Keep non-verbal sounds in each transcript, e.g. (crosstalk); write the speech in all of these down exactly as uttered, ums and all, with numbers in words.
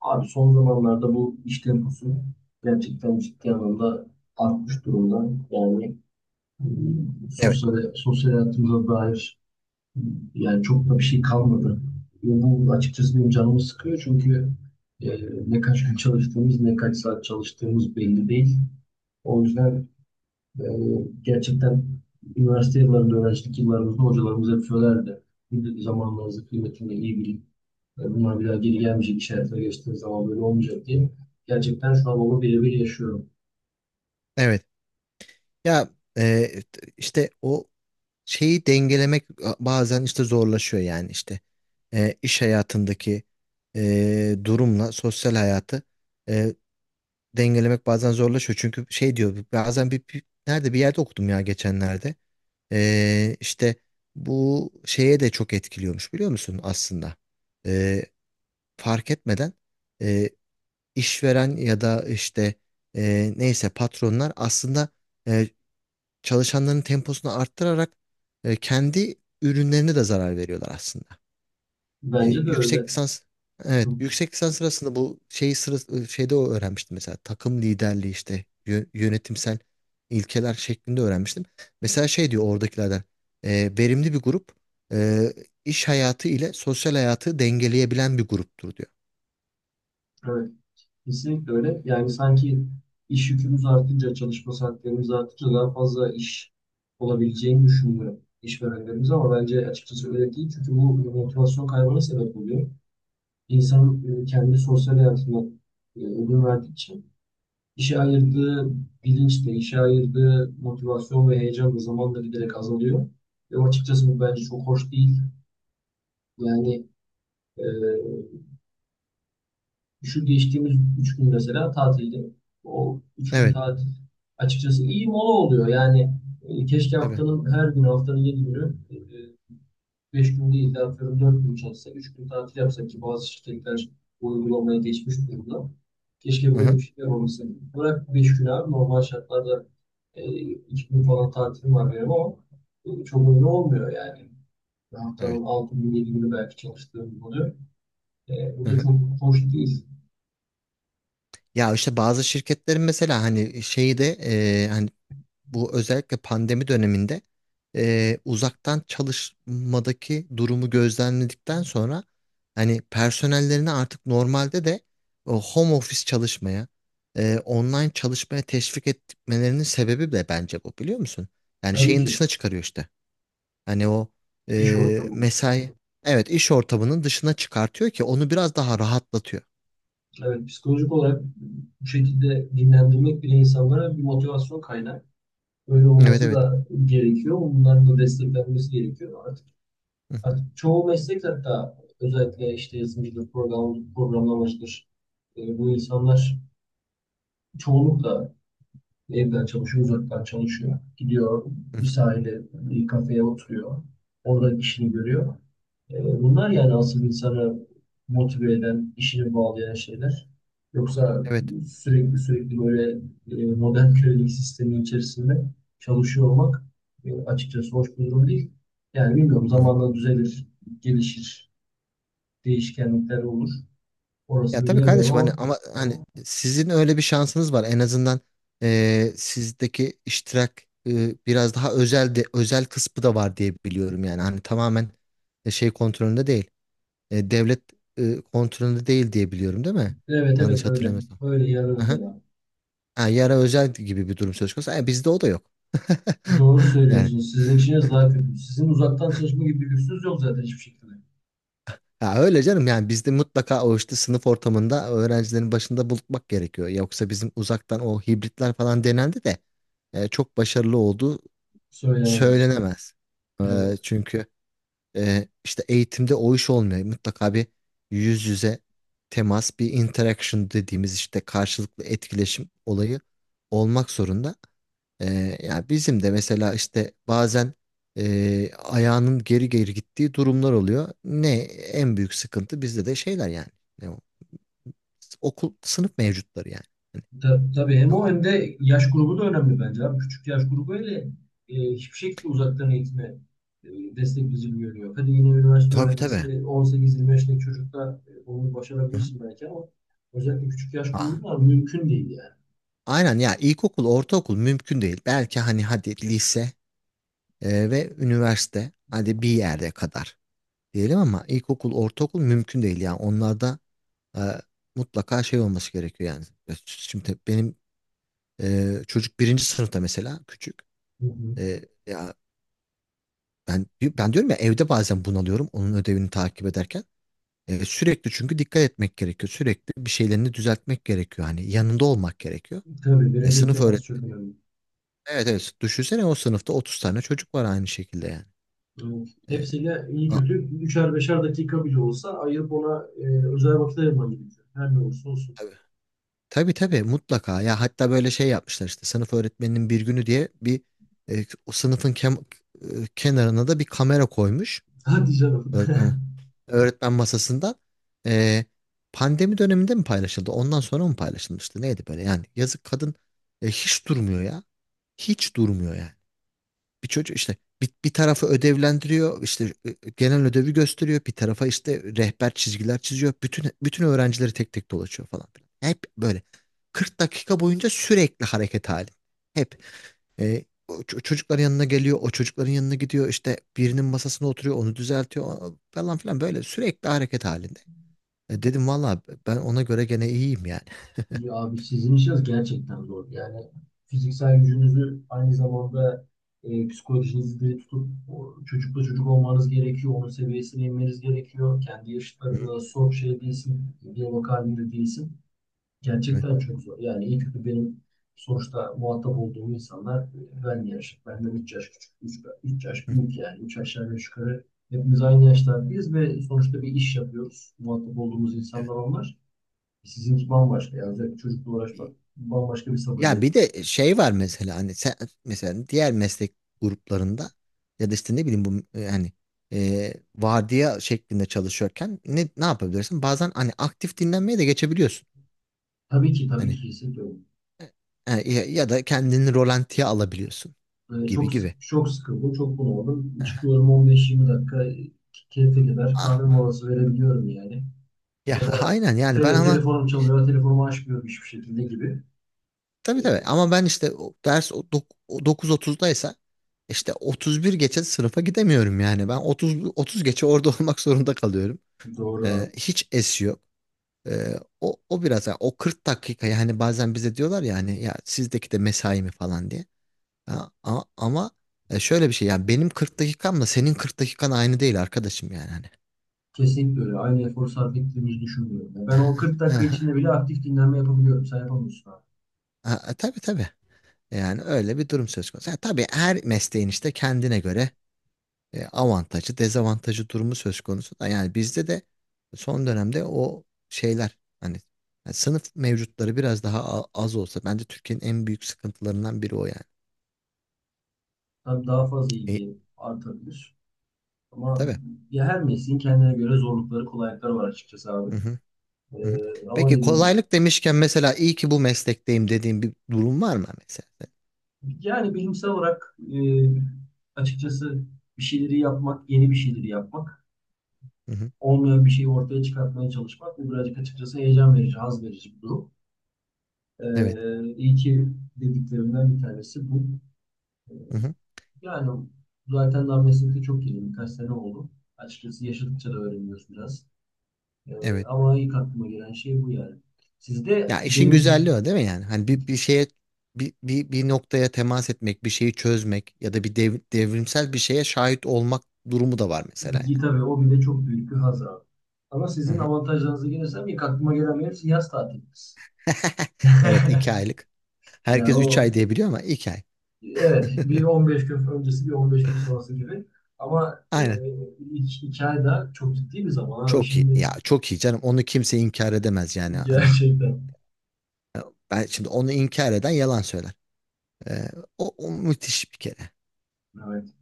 Abi son zamanlarda bu iş temposu gerçekten ciddi anlamda artmış durumda. Yani e, Evet, sosyal, sosyal hayatımıza dair e, yani çok da bir şey kalmadı. Ve bu açıkçası benim canımı sıkıyor çünkü e, ne kaç gün çalıştığımız ne kaç saat çalıştığımız belli değil. O yüzden e, gerçekten üniversite yıllarında, öğrencilik yıllarımızda hocalarımız hep söylerdi. Bir de zamanlarınızı kıymetini iyi bilin. Ve bunlar biraz geri gelmeyecek işaretler geçtiğim zaman böyle olmayacak diye. Gerçekten şu an onu birebir yaşıyorum. evet. Ya, e, işte o şeyi dengelemek bazen işte zorlaşıyor yani işte. E, iş hayatındaki e, durumla sosyal hayatı, e, dengelemek bazen zorlaşıyor. Çünkü şey diyor bazen, bir, bir- nerede bir yerde okudum ya, geçenlerde. E, işte bu şeye de çok etkiliyormuş, biliyor musun, aslında. E, Fark etmeden, e, işveren ya da işte, e, neyse, patronlar aslında çalışanların temposunu arttırarak e, kendi ürünlerine de zarar veriyorlar aslında. E, Bence de yüksek öyle. lisans Evet, Hı, yüksek lisans sırasında bu şeyi sırası, şeyde o öğrenmiştim, mesela takım liderliği işte yö- yönetimsel ilkeler şeklinde öğrenmiştim. Mesela şey diyor oradakilerden, e, verimli bir grup e, iş hayatı ile sosyal hayatı dengeleyebilen bir gruptur diyor. evet, kesinlikle öyle. Yani sanki iş yükümüz artınca, çalışma saatlerimiz artınca daha fazla iş olabileceğini düşünmüyor işverenlerimiz ama bence açıkçası öyle değil. Çünkü bu motivasyon kaybına sebep oluyor. İnsanın e, kendi sosyal hayatına e, ödün verdikçe İşe ayırdığı bilinç de, işe ayırdığı motivasyon ve heyecan da zamanla giderek azalıyor. Ve açıkçası bu bence çok hoş değil. Yani e, şu geçtiğimiz üç gün mesela tatilde. O üç gün Evet, tatil açıkçası iyi mola oluyor. Yani e, keşke tabii. haftanın her günü, haftanın yedi günü e, beş gün değil de atıyorum dört gün çalışsa, üç gün tatil yapsa ki bazı şirketler bu uygulamaya geçmiş durumda. Keşke Hı böyle hı. bir şeyler olmasa. Bırak beş gün abi normal şartlarda e, iki gün falan tatilim var benim ama bu çok önemli olmuyor yani. Bir haftanın Evet. altı gün yedi günü belki çalıştığım oluyor. E, bu Hı da hı. çok hoş değil. Ya işte bazı şirketlerin, mesela hani şeyi de, e, hani bu özellikle pandemi döneminde e, uzaktan çalışmadaki durumu gözlemledikten sonra hani personellerini artık normalde de o home office çalışmaya, e, online çalışmaya teşvik etmelerinin sebebi de bence bu, biliyor musun? Yani Tabii şeyin ki dışına çıkarıyor işte. Hani o, iş e, ortamı. mesai, evet, iş ortamının dışına çıkartıyor ki onu biraz daha rahatlatıyor. Evet, psikolojik olarak bu şekilde dinlendirmek bile insanlara bir motivasyon kaynağı. Böyle Evet, olması evet. da gerekiyor. Bunların da desteklenmesi gerekiyor. Artık Hı hı, çoğu meslek hatta özellikle işte yazılımcıdır, program, programlamacıdır. E, bu insanlar çoğunlukla evden çalışıyor, uzaktan çalışıyor. Gidiyor hı hı. bir sahile, bir kafeye oturuyor. Orada işini görüyor. E, bunlar yani asıl insanı motive eden, işini bağlayan şeyler. Yoksa Evet. sürekli sürekli böyle e, modern kölelik sistemi içerisinde çalışıyor olmak e, açıkçası hoş bir durum değil. Yani bilmiyorum, Hı hı. zamanla düzelir, gelişir, değişkenlikler olur. Ya Orasını tabii bilemiyorum kardeşim, hani ama ama hani sizin öyle bir şansınız var. En azından e, sizdeki iştirak e, biraz daha özel de, özel kısmı da var diye biliyorum yani. Hani tamamen e, şey kontrolünde değil. E, devlet e, kontrolünde değil diye biliyorum, değil mi? evet, evet Yanlış öyle. hatırlamıyorsam. Öyle yarın Aha. özel abi. Ha, yara özel gibi bir durum söz konusu. Ha, bizde o da yok. Doğru (laughs) Yani, söylüyorsunuz. Sizin işiniz daha kötü. Sizin uzaktan çalışma gibi bir lüksünüz yok zaten hiçbir şekilde. ya, öyle canım yani. Bizde mutlaka o işte sınıf ortamında öğrencilerin başında bulutmak gerekiyor. Yoksa bizim uzaktan o hibritler falan denendi de e, çok başarılı olduğu Söylenemez. söylenemez. E, Evet. Çünkü e, işte eğitimde o iş olmuyor. Mutlaka bir yüz yüze temas, bir interaction dediğimiz işte karşılıklı etkileşim olayı olmak zorunda. Ee, ya bizim de mesela işte bazen e, ayağının geri geri gittiği durumlar oluyor. Ne en büyük sıkıntı bizde de şeyler yani. Ne o? Okul, sınıf mevcutları yani. Hani, Ta, tabii hem ya o o, hem de yaş grubu da önemli bence abi. Küçük yaş grubu ile e, hiçbir şekilde uzaktan eğitime e, destekleyici görünüyor. Hadi yine üniversite tabii, tabii. öğrencisi on sekiz yirmi beşlik çocukta e, onu Hı. başarabilirsin belki ama özellikle küçük yaş Aa, grubunda mümkün değil yani. aynen ya, ilkokul, ortaokul mümkün değil. Belki hani hadi lise e, ve üniversite, hadi bir yerde kadar diyelim, ama ilkokul, ortaokul mümkün değil yani. Onlarda e, mutlaka şey olması gerekiyor yani. Şimdi benim ee, çocuk birinci sınıfta, mesela küçük. Hı hı. E, ya, ben ben diyorum ya, evde bazen bunalıyorum onun ödevini takip ederken. E, sürekli çünkü dikkat etmek gerekiyor. Sürekli bir şeylerini düzeltmek gerekiyor. Hani yanında olmak gerekiyor. Tabii E, birebir sınıf temas öğret. çok önemli. Evet, evet. Düşünsene, o sınıfta otuz tane çocuk var aynı şekilde yani. Evet. E, Hepsiyle iyi a- kötü üçer beşer dakika bile olsa ayırıp ona e, özel vakit ayırman gerekiyor. Her ne olursa olsun. tabii. Tabii, tabii, mutlaka. Ya hatta böyle şey yapmışlar, işte sınıf öğretmeninin bir günü diye bir, e, o sınıfın kem- e, kenarına da bir kamera koymuş. (laughs) Hadi canım. Öğretmen öğretmen masasında, e, pandemi döneminde mi paylaşıldı? Ondan sonra mı paylaşılmıştı? Neydi böyle yani? Yazık, kadın e, hiç durmuyor ya. Hiç durmuyor yani. Bir çocuk işte, bir, bir tarafı ödevlendiriyor, işte e, genel ödevi gösteriyor. Bir tarafa işte rehber çizgiler çiziyor. Bütün bütün öğrencileri tek tek dolaşıyor falan filan. Hep böyle kırk dakika boyunca sürekli hareket hali. Hep. E, o ç- çocukların yanına geliyor, o çocukların yanına gidiyor, işte birinin masasına oturuyor, onu düzeltiyor o- falan filan, böyle sürekli hareket halinde. E, dedim valla, ben ona göre gene iyiyim yani. Ya abi sizin işiniz gerçekten zor. Yani fiziksel gücünüzü aynı zamanda e, psikolojinizi de tutup o çocukla çocuk olmanız gerekiyor. Onun seviyesine inmeniz gerekiyor. Kendi Hı. yaşıtlarınla soğuk şey değilsin. Bir bakar değilsin. Evet. Gerçekten çok zor. Yani iyi kötü benim sonuçta muhatap olduğum insanlar e, ben yaş, benden üç yaş küçük, üç üç yaş Hı hı, büyük yani üç aşağı beş yukarı hepimiz aynı yaşlardayız ve sonuçta bir iş yapıyoruz. Muhatap olduğumuz insanlar evet. onlar. Sizinki bambaşka yani özellikle çocukla İyi. uğraşmak bambaşka bir sabır Ya gerekiyor. bir de şey var mesela, hani sen mesela diğer meslek gruplarında ya da işte ne bileyim, bu yani e, vardiya şeklinde çalışıyorken ne ne yapabilirsin? Bazen hani aktif dinlenmeye de geçebiliyorsun. Tabii ki, tabii Hani ki hissediyorum. e, ya, ya da kendini rolantiye alabiliyorsun E, gibi çok sık- gibi. çok sıkıldım, çok bunaldım. Çıkıyorum, on beş yirmi dakika keyfe kadar kahve (laughs) molası verebiliyorum yani. Ya, Ya (laughs) da aynen yani, ben tele- ama telefonum çalıyor, telefonumu açmıyorum hiçbir şekilde gibi. tabii, tabii, ama ben işte o ders o dok- o dokuz otuzdaysa işte otuz bir geçe sınıfa gidemiyorum yani. Ben otuz, otuz geçe orada (laughs) olmak zorunda kalıyorum. Doğru Ee, abi. Hiç es yok. Ee, o o biraz, yani o kırk dakika, yani bazen bize diyorlar ya, hani ya sizdeki de mesai mi falan diye. Ha, a- ama e, şöyle bir şey yani, benim kırk dakikamla senin kırk dakikan aynı değil arkadaşım yani hani. Kesinlikle öyle. Aynı efor sarf ettiğimizi düşünmüyorum. Ya ben o kırk dakika içinde (laughs) bile aktif dinlenme yapabiliyorum. Sen yapamıyorsun abi. Ha, tabii, tabii. Yani öyle bir durum söz konusu. Ha, tabii her mesleğin işte kendine göre e, avantajı, dezavantajı durumu söz konusu da, yani bizde de son dönemde o şeyler, hani yani sınıf mevcutları biraz daha a- az olsa, bence Türkiye'nin en büyük sıkıntılarından biri o yani. Tabii daha fazla E, ilgi artabilir. Ama tabii. ya her mesleğin kendine göre zorlukları, kolaylıkları var açıkçası abi. Hı hı, hı hı. Ee, ama Peki, dediğim gibi. kolaylık demişken, mesela iyi ki bu meslekteyim dediğim bir durum var mı, mesela? Yani bilimsel olarak e, açıkçası bir şeyleri yapmak, yeni bir şeyleri yapmak, Hı hı. olmayan bir şeyi ortaya çıkartmaya çalışmak bu birazcık açıkçası heyecan verici, haz verici bir durum. Ee, Evet. iyi ki dediklerimden bir tanesi bu. Ee, Hı hı. Yani zaten daha meslekte çok yeni. Birkaç sene oldu. Açıkçası yaşadıkça da öğreniyoruz biraz. Ee, Evet. ama ilk aklıma gelen şey bu yani. Sizde Ya işin benim güzelliği o değil mi yani? Hani bir, bir şeye, bir, bir, bir noktaya temas etmek, bir şeyi çözmek ya da bir dev- devrimsel bir şeye şahit olmak durumu da var, mesela gita ve o bile çok büyük bir haz abi. Ama sizin yani. avantajlarınıza gelirsem ilk aklıma gelen benim siz yaz tatiliniz. (laughs) (laughs) Evet, iki aylık. Yani Herkes üç ay o, diyebiliyor, ama iki ay. (laughs) evet, bir on beş gün öncesi bir on beş gün sonrası gibi. Ama e, Aynen. ilk iki ay da çok ciddi bir zaman abi Çok iyi. şimdi Ya çok iyi canım. Onu kimse inkar edemez yani. (laughs) Hani gerçekten. e, ben şimdi onu inkar eden yalan söyler. E, o, o müthiş bir kere. Evet.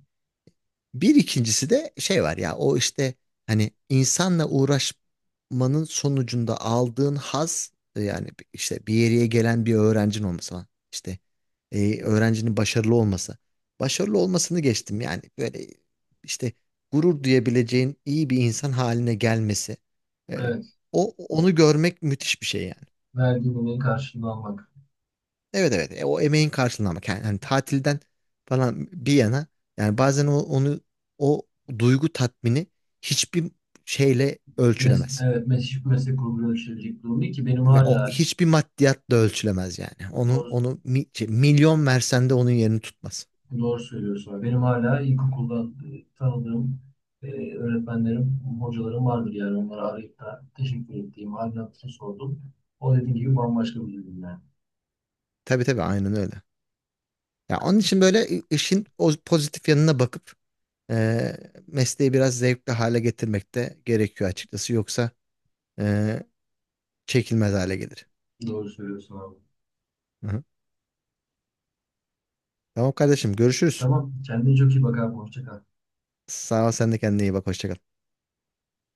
Bir ikincisi de şey var ya, o işte hani insanla uğraşmanın sonucunda aldığın haz, e, yani işte bir yere gelen bir öğrencin olması falan. İşte e, öğrencinin başarılı olması. Başarılı olmasını geçtim yani, böyle işte gurur duyabileceğin iyi bir insan haline gelmesi. E, Evet. o Onu görmek müthiş bir şey yani. Verdiğinin karşılığını almak. Evet, evet. E, o emeğin karşılığını, ama yani hani, tatilden falan bir yana, yani bazen o, onu o duygu tatmini hiçbir şeyle Mes ölçülemez. evet, mes hiçbir meslek grubuna yöneltilecek durum ki benim Ve o hala hiçbir maddiyatla ölçülemez yani. Onun doğru, onu mi- şey, milyon versen de onun yerini tutmaz. doğru söylüyorsun. Benim hala ilkokuldan e, tanıdığım e, öğretmenlerim, hocalarım vardır yani. Onları arayıp da teşekkür ettiğim, halini hatırını sordum. O dediğin gibi bambaşka bir durum yani. Tabii, tabii, aynen öyle. Ya onun için böyle i- işin o pozitif yanına bakıp e, mesleği biraz zevkli hale getirmek de gerekiyor açıkçası. Yoksa e, çekilmez hale gelir. Doğru söylüyorsun abi. Hı hı. Tamam kardeşim, görüşürüz. Tamam, kendine çok iyi bak abi. Hoşça kal. Sağ ol, sen de kendine iyi bak. Hoşça kal.